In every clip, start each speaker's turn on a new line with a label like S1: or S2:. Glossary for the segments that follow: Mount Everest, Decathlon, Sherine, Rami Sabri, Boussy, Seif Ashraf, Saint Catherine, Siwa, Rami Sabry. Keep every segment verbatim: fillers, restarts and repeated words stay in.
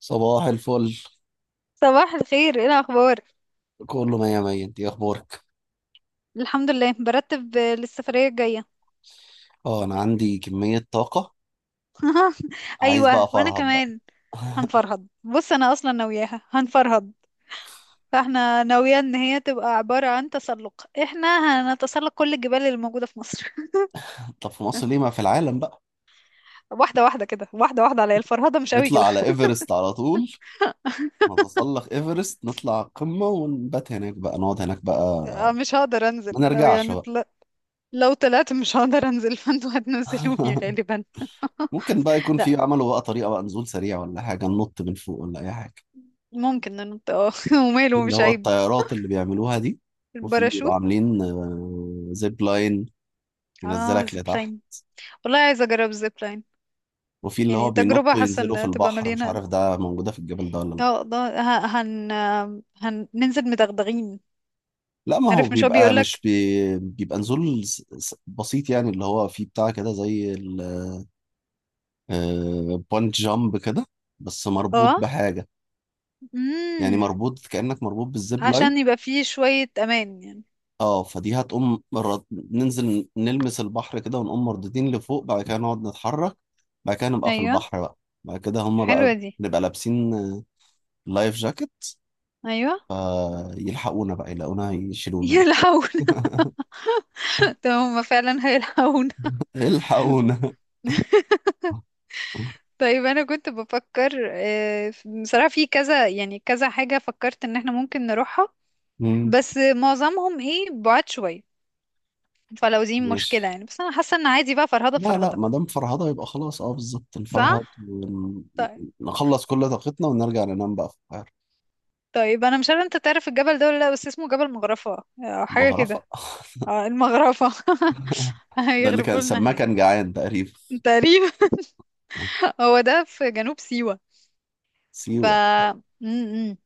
S1: صباح الفل.
S2: صباح الخير، ايه الاخبار؟
S1: كله مية مية، انت ايه اخبارك؟
S2: الحمد لله، برتب آه، للسفريه الجايه.
S1: اه انا عندي كمية طاقة، عايز بقى
S2: ايوه وانا
S1: افرهد بقى.
S2: كمان هنفرهد. بص انا اصلا ناوياها هنفرهد. فاحنا ناويه ان هي تبقى عباره عن تسلق. احنا هنتسلق كل الجبال اللي موجوده في مصر.
S1: طب في مصر ليه؟ ما في العالم بقى.
S2: واحده واحده كده، واحده واحده، عليا الفرهده مش قوي
S1: نطلع
S2: كده.
S1: على ايفرست على طول، نتسلق ايفرست نطلع القمة ونبات هناك بقى، نقعد هناك بقى،
S2: آه، مش هقدر
S1: ما
S2: انزل لو
S1: نرجعش
S2: يعني
S1: بقى.
S2: طل... لو طلعت مش هقدر انزل. فانتوا هتنزلوني غالبا.
S1: ممكن بقى يكون في
S2: لا،
S1: عملوا بقى طريقة بقى نزول سريع ولا حاجة، ننط من فوق ولا أي حاجة؟
S2: ممكن ننط، اه.
S1: دي
S2: وماله،
S1: اللي
S2: مش
S1: هو
S2: عيب.
S1: الطيارات اللي بيعملوها دي. وفي بيبقوا
S2: الباراشوت.
S1: عاملين آه، زيب لاين
S2: اه،
S1: ينزلك لتحت.
S2: زيبلاين. والله عايزه اجرب زيبلاين.
S1: وفي اللي هو
S2: يعني تجربة،
S1: بينطوا
S2: حاسة
S1: ينزلوا في
S2: ان تبقى
S1: البحر، مش
S2: مليانة.
S1: عارف ده موجودة في الجبل ده ولا لا.
S2: اه ده ه- هن هننزل مدغدغين.
S1: لا ما هو
S2: عارف، مش هو
S1: بيبقى مش
S2: بيقولك.
S1: بي... بيبقى نزول س- س- بسيط، يعني اللي هو فيه بتاع كده زي البونت جامب كده، بس مربوط
S2: اه.
S1: بحاجة. يعني
S2: امم
S1: مربوط، كأنك مربوط بالزيب لاين.
S2: عشان يبقى فيه شوية امان يعني.
S1: اه فدي هتقوم مرة ننزل نلمس البحر كده ونقوم مردودين لفوق، بعد كده نقعد نتحرك، بعد كده نبقى في
S2: ايوه.
S1: البحر بقى. بعد كده هما بقى
S2: حلوة دي.
S1: نبقى لابسين آه، لايف جاكيت،
S2: ايوه.
S1: فيلحقونا بقى يلاقونا يشيلونا.
S2: يلحون. طب هما فعلا هيلحون؟
S1: الحقونا.
S2: طيب، انا كنت بفكر، آه، بصراحة، في كذا يعني كذا حاجة فكرت ان احنا ممكن نروحها.
S1: مم.
S2: بس معظمهم ايه، بعاد شوية. فلو دي
S1: ماشي.
S2: مشكلة يعني، بس انا حاسة ان عادي بقى، فرهدة
S1: لا لا
S2: فرهدة.
S1: ما دام فرهضة يبقى خلاص، اه بالظبط نفرهد
S2: صح؟
S1: ون-
S2: طيب.
S1: نخلص كل طاقتنا ونرجع ننام بقى في القاهرة.
S2: طيب انا مش عارفه انت تعرف الجبل ده ولا لا، بس اسمه جبل مغرفه او حاجه
S1: مغرفة.
S2: كده. اه، المغرفه.
S1: ده اللي
S2: هيغرفوا
S1: كان
S2: لنا
S1: سماه كان
S2: هناك.
S1: جعان تقريبا.
S2: تقريبا. هو ده في جنوب سيوه. ف
S1: سيوة.
S2: م-م.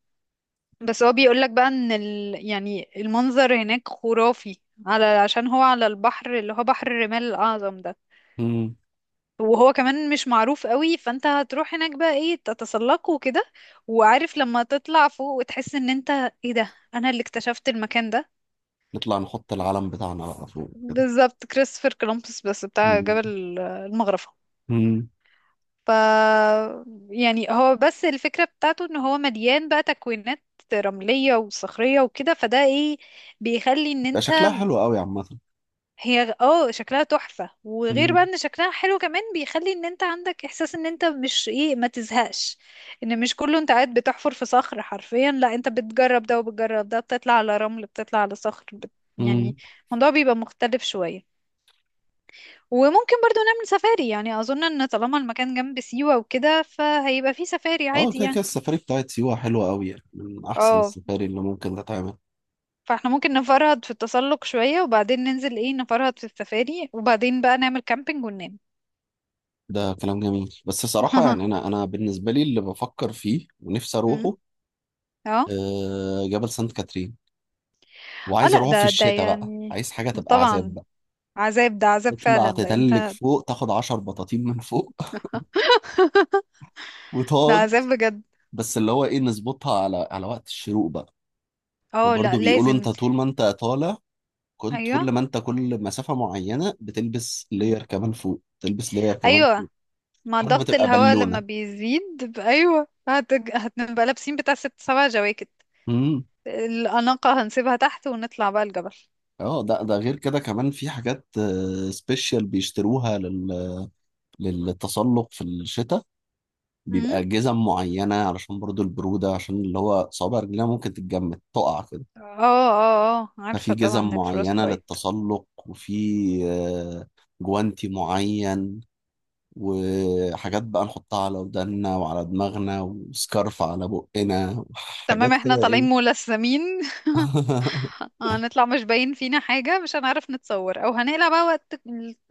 S2: بس هو بيقول لك بقى ان ال... يعني المنظر هناك خرافي، على عشان هو على البحر اللي هو بحر الرمال الاعظم ده.
S1: مم.
S2: وهو كمان مش معروف قوي، فانت هتروح هناك بقى ايه، تتسلقه وكده. وعارف لما تطلع فوق وتحس ان انت، ايه ده، انا اللي اكتشفت المكان ده.
S1: نطلع نحط العلم بتاعنا بقى فوق كده.
S2: بالظبط، كريستوفر كولومبوس بس بتاع
S1: مم.
S2: جبل المغرفة.
S1: مم.
S2: ف يعني هو بس الفكرة بتاعته ان هو مليان بقى تكوينات رملية وصخرية وكده. فده ايه، بيخلي ان
S1: ده
S2: انت،
S1: شكلها حلو قوي عامة.
S2: هي اه شكلها تحفة، وغير بقى
S1: مم.
S2: ان شكلها حلو كمان، بيخلي ان انت عندك احساس ان انت مش ايه، ما تزهقش. ان مش كله انت قاعد بتحفر في صخر حرفيا، لا انت بتجرب ده وبتجرب ده، بتطلع على رمل بتطلع على صخر بت...
S1: مم.
S2: يعني الموضوع بيبقى مختلف شوية. وممكن برضو نعمل سفاري يعني، اظن ان طالما المكان جنب سيوة وكده فهيبقى فيه سفاري
S1: اه
S2: عادي
S1: كده كده
S2: يعني.
S1: السفاري بتاعت سيوة حلوة قوي، يعني من أحسن
S2: اه،
S1: السفاري اللي ممكن تتعمل.
S2: فاحنا ممكن نفرهد في التسلق شوية وبعدين ننزل ايه، نفرهد في السفاري، وبعدين بقى نعمل كامبينج وننام.
S1: ده كلام جميل، بس صراحة يعني أنا أنا بالنسبة لي اللي بفكر فيه ونفسي
S2: أمم،
S1: أروحه
S2: اه.
S1: آه، جبل سانت كاترين.
S2: اه.
S1: وعايز
S2: لا
S1: اروح في
S2: ده ده
S1: الشتاء بقى،
S2: يعني
S1: عايز حاجه تبقى عذاب
S2: طبعا،
S1: بقى.
S2: عذاب ده عذاب
S1: تطلع
S2: فعلا، ده
S1: تتلج
S2: انت.
S1: فوق، تاخد عشرة بطاطين من فوق
S2: ده
S1: وتقعد.
S2: عذاب بجد.
S1: بس اللي هو ايه، نظبطها على على وقت الشروق بقى.
S2: اه، لا
S1: وبرضه بيقولوا انت
S2: لازم.
S1: طول ما انت طالع، كل
S2: ايوه.
S1: كل ما انت كل مسافه معينه بتلبس
S2: أمم.
S1: لاير كمان فوق، تلبس لاير كمان
S2: ايوه،
S1: فوق،
S2: مع
S1: لحد ما
S2: ضغط
S1: تبقى
S2: الهواء لما
S1: بالونه.
S2: بيزيد ب- ايوه هت... هتبقى لابسين بتاع ست سبع جواكت.
S1: امم.
S2: الأناقة هنسيبها تحت ونطلع بقى الجبل.
S1: اه ده ده غير كده كمان في حاجات سبيشال بيشتروها لل... للتسلق في الشتاء.
S2: امم
S1: بيبقى جزم معينة علشان برضو البرودة، عشان اللي هو صوابع رجلها ممكن تتجمد تقع كده.
S2: اه. اه. اه
S1: ففي
S2: عارفة
S1: جزم
S2: طبعا، الفروست
S1: معينة
S2: بايت.
S1: للتسلق، وفي آه، جوانتي معين، وحاجات بقى نحطها على ودنا وعلى دماغنا، وسكارف على بقنا،
S2: تمام،
S1: وحاجات
S2: احنا
S1: كده
S2: طالعين
S1: ايه.
S2: ملثمين. هنطلع مش باين فينا حاجة، مش هنعرف نتصور، او هنقلع بقى وقت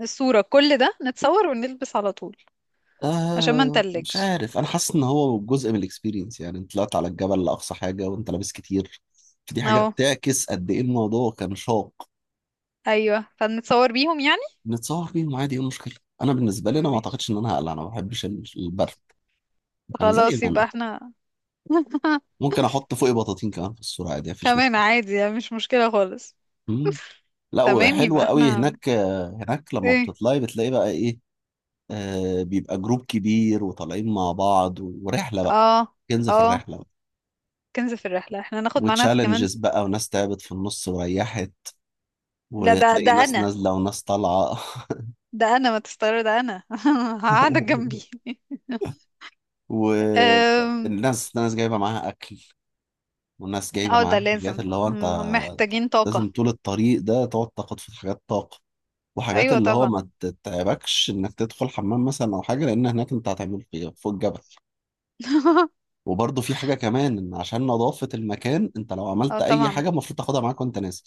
S2: الصورة، كل ده نتصور ونلبس على طول عشان ما
S1: آه مش
S2: نتلجش.
S1: عارف، انا حاسس ان هو جزء من الاكسبيرينس، يعني انت طلعت على الجبل لاقصى حاجة وانت لابس كتير، فدي حاجة
S2: اه.
S1: بتعكس قد ايه الموضوع كان شاق.
S2: ايوه، فنتصور بيهم يعني.
S1: نتصور بيهم عادي، ايه المشكله؟ انا بالنسبه لي انا ما
S2: ماشي،
S1: اعتقدش ان انا هقلع، انا ما بحبش ال- البرد، انا زي
S2: خلاص
S1: ما
S2: يبقى
S1: انا.
S2: احنا.
S1: ممكن احط فوقي بطاطين كمان في الصوره عادي، مفيش
S2: كمان
S1: مشكله.
S2: عادي يعني، مش مشكلة خالص.
S1: مم. لا
S2: تمام، يبقى
S1: وحلوه قوي
S2: احنا
S1: هناك، آه، هناك لما
S2: ايه.
S1: بتطلعي بتلاقي بقى ايه، آه بيبقى جروب كبير وطالعين مع بعض و- ورحله بقى،
S2: اه.
S1: كنز في
S2: اه
S1: الرحله بقى،
S2: كنز في الرحلة، احنا ناخد معانا كمان.
S1: وتشالنجز بقى، وناس تعبت في النص وريحت،
S2: لا ده ده
S1: وتلاقي ناس
S2: انا،
S1: نازله وناس طالعه.
S2: ده انا ما تستغرب، ده انا قاعده جنبي. أم،
S1: والناس ناس جايبه معاها اكل، والناس جايبه
S2: اه
S1: معاها
S2: ده
S1: حاجات
S2: لازم،
S1: اللي هو انت
S2: مم، محتاجين
S1: لازم
S2: طاقة.
S1: طول الطريق ده تقعد تاخد في حاجات طاقه، وحاجات
S2: ايوه
S1: اللي هو
S2: طبعا.
S1: ما تتعبكش انك تدخل حمام مثلا او حاجه، لان هناك انت هتعمل في فوق الجبل. وبرده في حاجه كمان، ان عشان نظافه المكان، انت لو
S2: اه
S1: عملت اي
S2: طبعا.
S1: حاجه المفروض تاخدها معاك وانت نازل.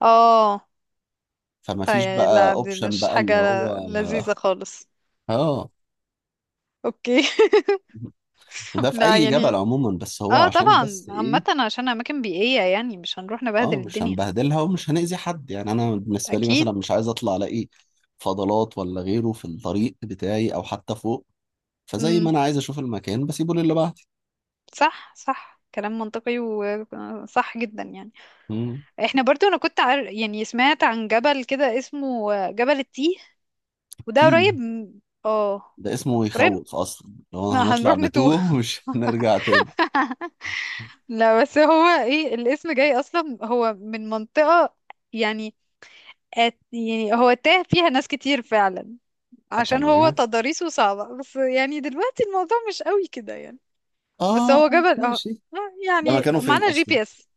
S2: اه.
S1: فما فيش
S2: طيب
S1: بقى
S2: لا دي
S1: اوبشن
S2: مش
S1: بقى
S2: حاجة
S1: اللي هو.
S2: لذيذة خالص.
S1: اه،
S2: اوكي.
S1: وده في
S2: لا
S1: اي جبل
S2: يعني،
S1: عموما، بس هو
S2: اه
S1: عشان
S2: طبعا
S1: بس
S2: عامة
S1: ايه.
S2: عشان اماكن بيئية يعني، مش هنروح
S1: اه
S2: نبهدل
S1: مش
S2: الدنيا.
S1: هنبهدلها ومش هنأذي حد، يعني انا بالنسبه لي مثلا
S2: اكيد.
S1: مش عايز اطلع الاقي فضلات ولا غيره في الطريق بتاعي او حتى فوق، فزي ما
S2: امم
S1: انا عايز اشوف المكان بسيبه للي بعدي.
S2: صح صح، كلام منطقي وصح جدا يعني.
S1: مم.
S2: احنا برضو، انا كنت عار... يعني سمعت عن جبل كده اسمه جبل التيه، وده
S1: تيه،
S2: قريب م- اه،
S1: ده اسمه
S2: قريب.
S1: يخوف اصلا، لو
S2: ما
S1: هنطلع
S2: هنروح نتوه.
S1: نتوه ومش هنرجع تاني.
S2: لا بس هو ايه، الاسم جاي اصلا هو من منطقة، يعني أت، يعني هو تاه فيها ناس كتير فعلا،
S1: اه
S2: عشان هو
S1: تمام.
S2: تضاريسه صعبة، بس يعني دلوقتي الموضوع مش قوي كده يعني. بس
S1: اه.
S2: هو جبل، اه
S1: ماشي.
S2: آه،
S1: ده
S2: يعني
S1: مكانه فين
S2: معانا جي
S1: اصلا؟
S2: بي اس.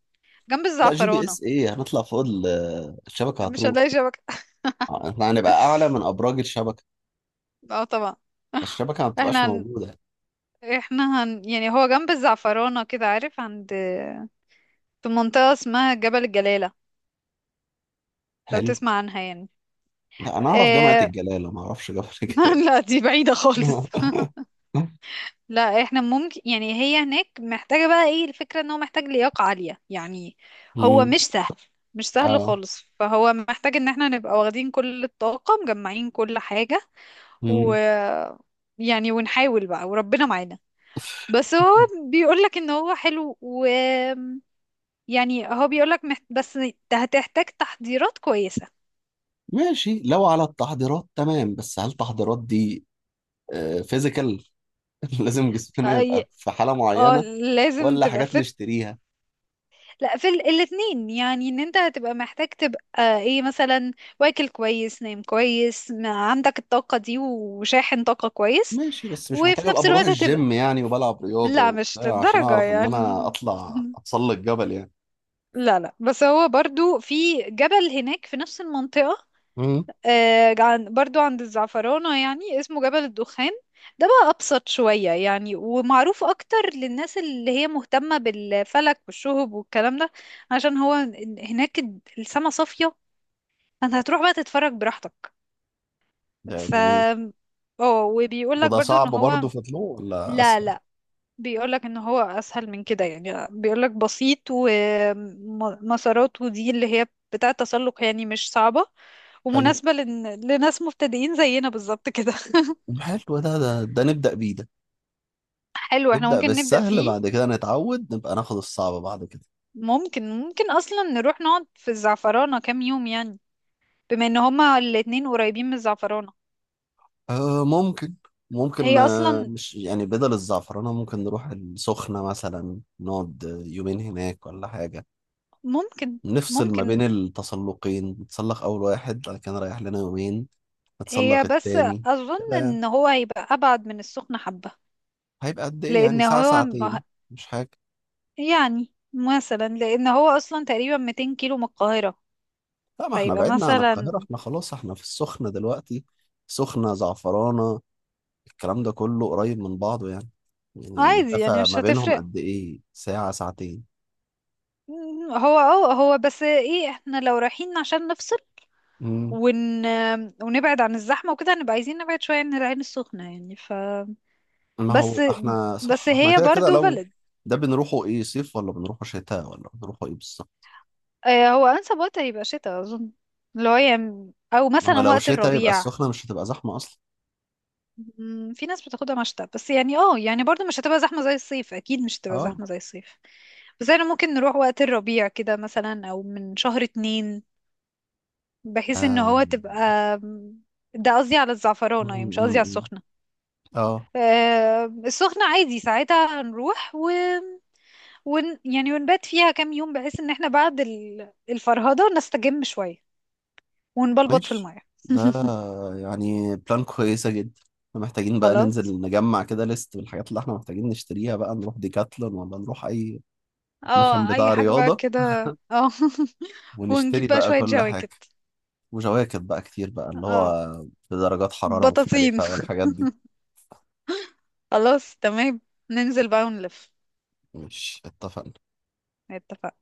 S2: جنب
S1: لا جي بي
S2: الزعفرانة.
S1: اس ايه، هنطلع فوق ال- الشبكه
S2: مش
S1: هتروح.
S2: هنلاقي شبكة.
S1: آه، احنا هنبقى اعلى من ابراج الشبكه،
S2: اه طبعا.
S1: فالشبكه ما بتبقاش
S2: احنا هن...
S1: موجوده.
S2: احنا هن... يعني هو جنب الزعفرانة كده، عارف عند، في منطقة اسمها جبل الجلالة، لو
S1: حلو.
S2: تسمع عنها يعني.
S1: لا انا اعرف جامعه
S2: آه.
S1: الجلاله، ما اعرفش جامعه الجلاله.
S2: لا دي بعيدة خالص. لا احنا ممكن يعني، هي هناك محتاجة بقى ايه، الفكرة ان هو محتاج لياقة عالية يعني. هو
S1: مم.
S2: مش سهل، مش سهل
S1: اه.
S2: خالص، فهو محتاج ان احنا نبقى واخدين كل الطاقة، مجمعين كل حاجة، و
S1: مم.
S2: يعني ونحاول بقى وربنا معانا. بس هو بيقولك ان هو حلو، و يعني هو بيقولك محت... بس هتحتاج تحضيرات كويسة.
S1: ماشي لو على التحضيرات تمام، بس هل التحضيرات دي فيزيكال؟ لازم جسمنا
S2: أي...
S1: يبقى في حالة
S2: اه،
S1: معينة
S2: لازم
S1: ولا
S2: تبقى
S1: حاجات
S2: fit.
S1: نشتريها؟
S2: لا في ال- الاتنين يعني، ان انت هتبقى محتاج تبقى ايه مثلا، واكل كويس، نايم كويس، ما عندك الطاقة دي، وشاحن طاقة كويس.
S1: ماشي، بس مش محتاج
S2: وفي
S1: ابقى
S2: نفس
S1: بروح
S2: الوقت هتبقى،
S1: الجيم يعني وبلعب رياضة
S2: لا مش
S1: وبتاع عشان
S2: للدرجة
S1: اعرف ان
S2: يعني.
S1: انا اطلع اتسلق جبل يعني.
S2: لا لا، بس هو برضو في جبل هناك في نفس المنطقة،
S1: مم.
S2: آه، عن برضو عند الزعفرانة يعني، اسمه جبل الدخان. ده بقى أبسط شوية يعني، ومعروف أكتر للناس اللي هي مهتمة بالفلك والشهب والكلام ده، عشان هو هناك السما صافية، فأنت هتروح بقى تتفرج براحتك.
S1: ده
S2: ف
S1: جميل.
S2: اه، وبيقول لك
S1: وده
S2: برضو ان
S1: صعب
S2: هو،
S1: برضه فطلوع ولا
S2: لا
S1: اسهل؟
S2: لا، بيقولك ان هو اسهل من كده يعني، بيقولك بسيط، ومسارات، ودي اللي هي بتاعة تسلق يعني مش صعبة،
S1: حلو،
S2: ومناسبة لن... لناس مبتدئين زينا بالظبط كده.
S1: حلو، ده ده ده نبدأ بيه ده،
S2: حلو، احنا
S1: نبدأ
S2: ممكن نبدأ
S1: بالسهل
S2: فيه.
S1: بعد كده نتعود نبقى ناخد الصعب بعد كده.
S2: ممكن، ممكن اصلا نروح نقعد في الزعفرانة كام يوم يعني، بما ان هما الاتنين قريبين من الزعفرانة.
S1: آه ممكن، ممكن
S2: هي
S1: آه،
S2: اصلا
S1: مش يعني بدل الزعفرانة ممكن نروح السخنة مثلا نقعد يومين هناك ولا حاجة.
S2: ممكن،
S1: نفصل ما بين
S2: ممكن.
S1: التسلقين، نتسلق أول واحد بعد كده نريح لنا يومين،
S2: هي
S1: نتسلق
S2: بس
S1: التاني.
S2: اظن
S1: كده يعني
S2: ان هو هيبقى ابعد من السخنة حبة.
S1: هيبقى قد إيه يعني؟
S2: لان
S1: ساعة
S2: هو
S1: ساعتين؟ مش حاجة.
S2: يعني مثلا، لان هو اصلا تقريبا مئتين كيلو من القاهرة،
S1: لا ما احنا
S2: فيبقى
S1: بعدنا عن القاهرة،
S2: مثلا،
S1: احنا خلاص احنا في السخنة دلوقتي. سخنة، زعفرانة، الكلام ده كله قريب من بعض يعني، يعني
S2: عادي يعني
S1: مسافة
S2: مش
S1: ما بينهم
S2: هتفرق.
S1: قد إيه؟ ساعة ساعتين.
S2: مم، هو اه هو بس ايه، احنا لو رايحين عشان نفصل ون... ونبعد عن الزحمة وكده، هنبقى عايزين نبعد شوية عن العين السخنة يعني. ف
S1: ما هو
S2: بس،
S1: احنا
S2: بس
S1: صح، احنا
S2: هي
S1: كده كده
S2: برضو
S1: لو
S2: بلد.
S1: ده بنروحه ايه، صيف ولا بنروحه شتاء ولا بنروحه ايه بالظبط؟
S2: آه، هو انسب وقت هيبقى شتاء اظن، اللي هو يعني، او
S1: ما هو
S2: مثلا
S1: لو
S2: وقت
S1: شتاء يبقى
S2: الربيع.
S1: السخنة مش هتبقى زحمة اصلا.
S2: مم، في ناس بتاخدها مشتى، بس يعني اه، يعني برضو مش هتبقى زحمة زي الصيف، اكيد مش هتبقى
S1: اه.
S2: زحمة زي الصيف. بس احنا ممكن نروح وقت الربيع كده مثلا، او من شهر اتنين، بحيث ان
S1: آه.
S2: هو تبقى، ده قصدي على
S1: م-
S2: الزعفرانة يعني، مش
S1: م-
S2: قصدي على
S1: م.
S2: السخنة.
S1: اه.
S2: آه، السخنة عادي ساعتها هنروح و... ون... يعني ونبات فيها كام يوم، بحيث ان احنا بعد ال- الفرهدة نستجم شوية ونبلبط في
S1: ماشي،
S2: المية.
S1: ده يعني بلان كويسة جدا. احنا محتاجين بقى
S2: خلاص.
S1: ننزل نجمع كده ليست بالحاجات اللي احنا محتاجين نشتريها بقى، نروح ديكاتلون ولا نروح اي مكان
S2: اه اي
S1: بتاع
S2: حاجة بقى
S1: رياضة
S2: كده. اه.
S1: ونشتري
S2: ونجيب بقى
S1: بقى
S2: شوية
S1: كل حاجة،
S2: جواكت.
S1: وجواكت بقى كتير بقى اللي
S2: اه،
S1: هو بدرجات حرارة
S2: بطاطين.
S1: مختلفة، والحاجات دي.
S2: خلاص تمام، ننزل بقى ونلف.
S1: مش اتفقنا؟
S2: اتفقنا.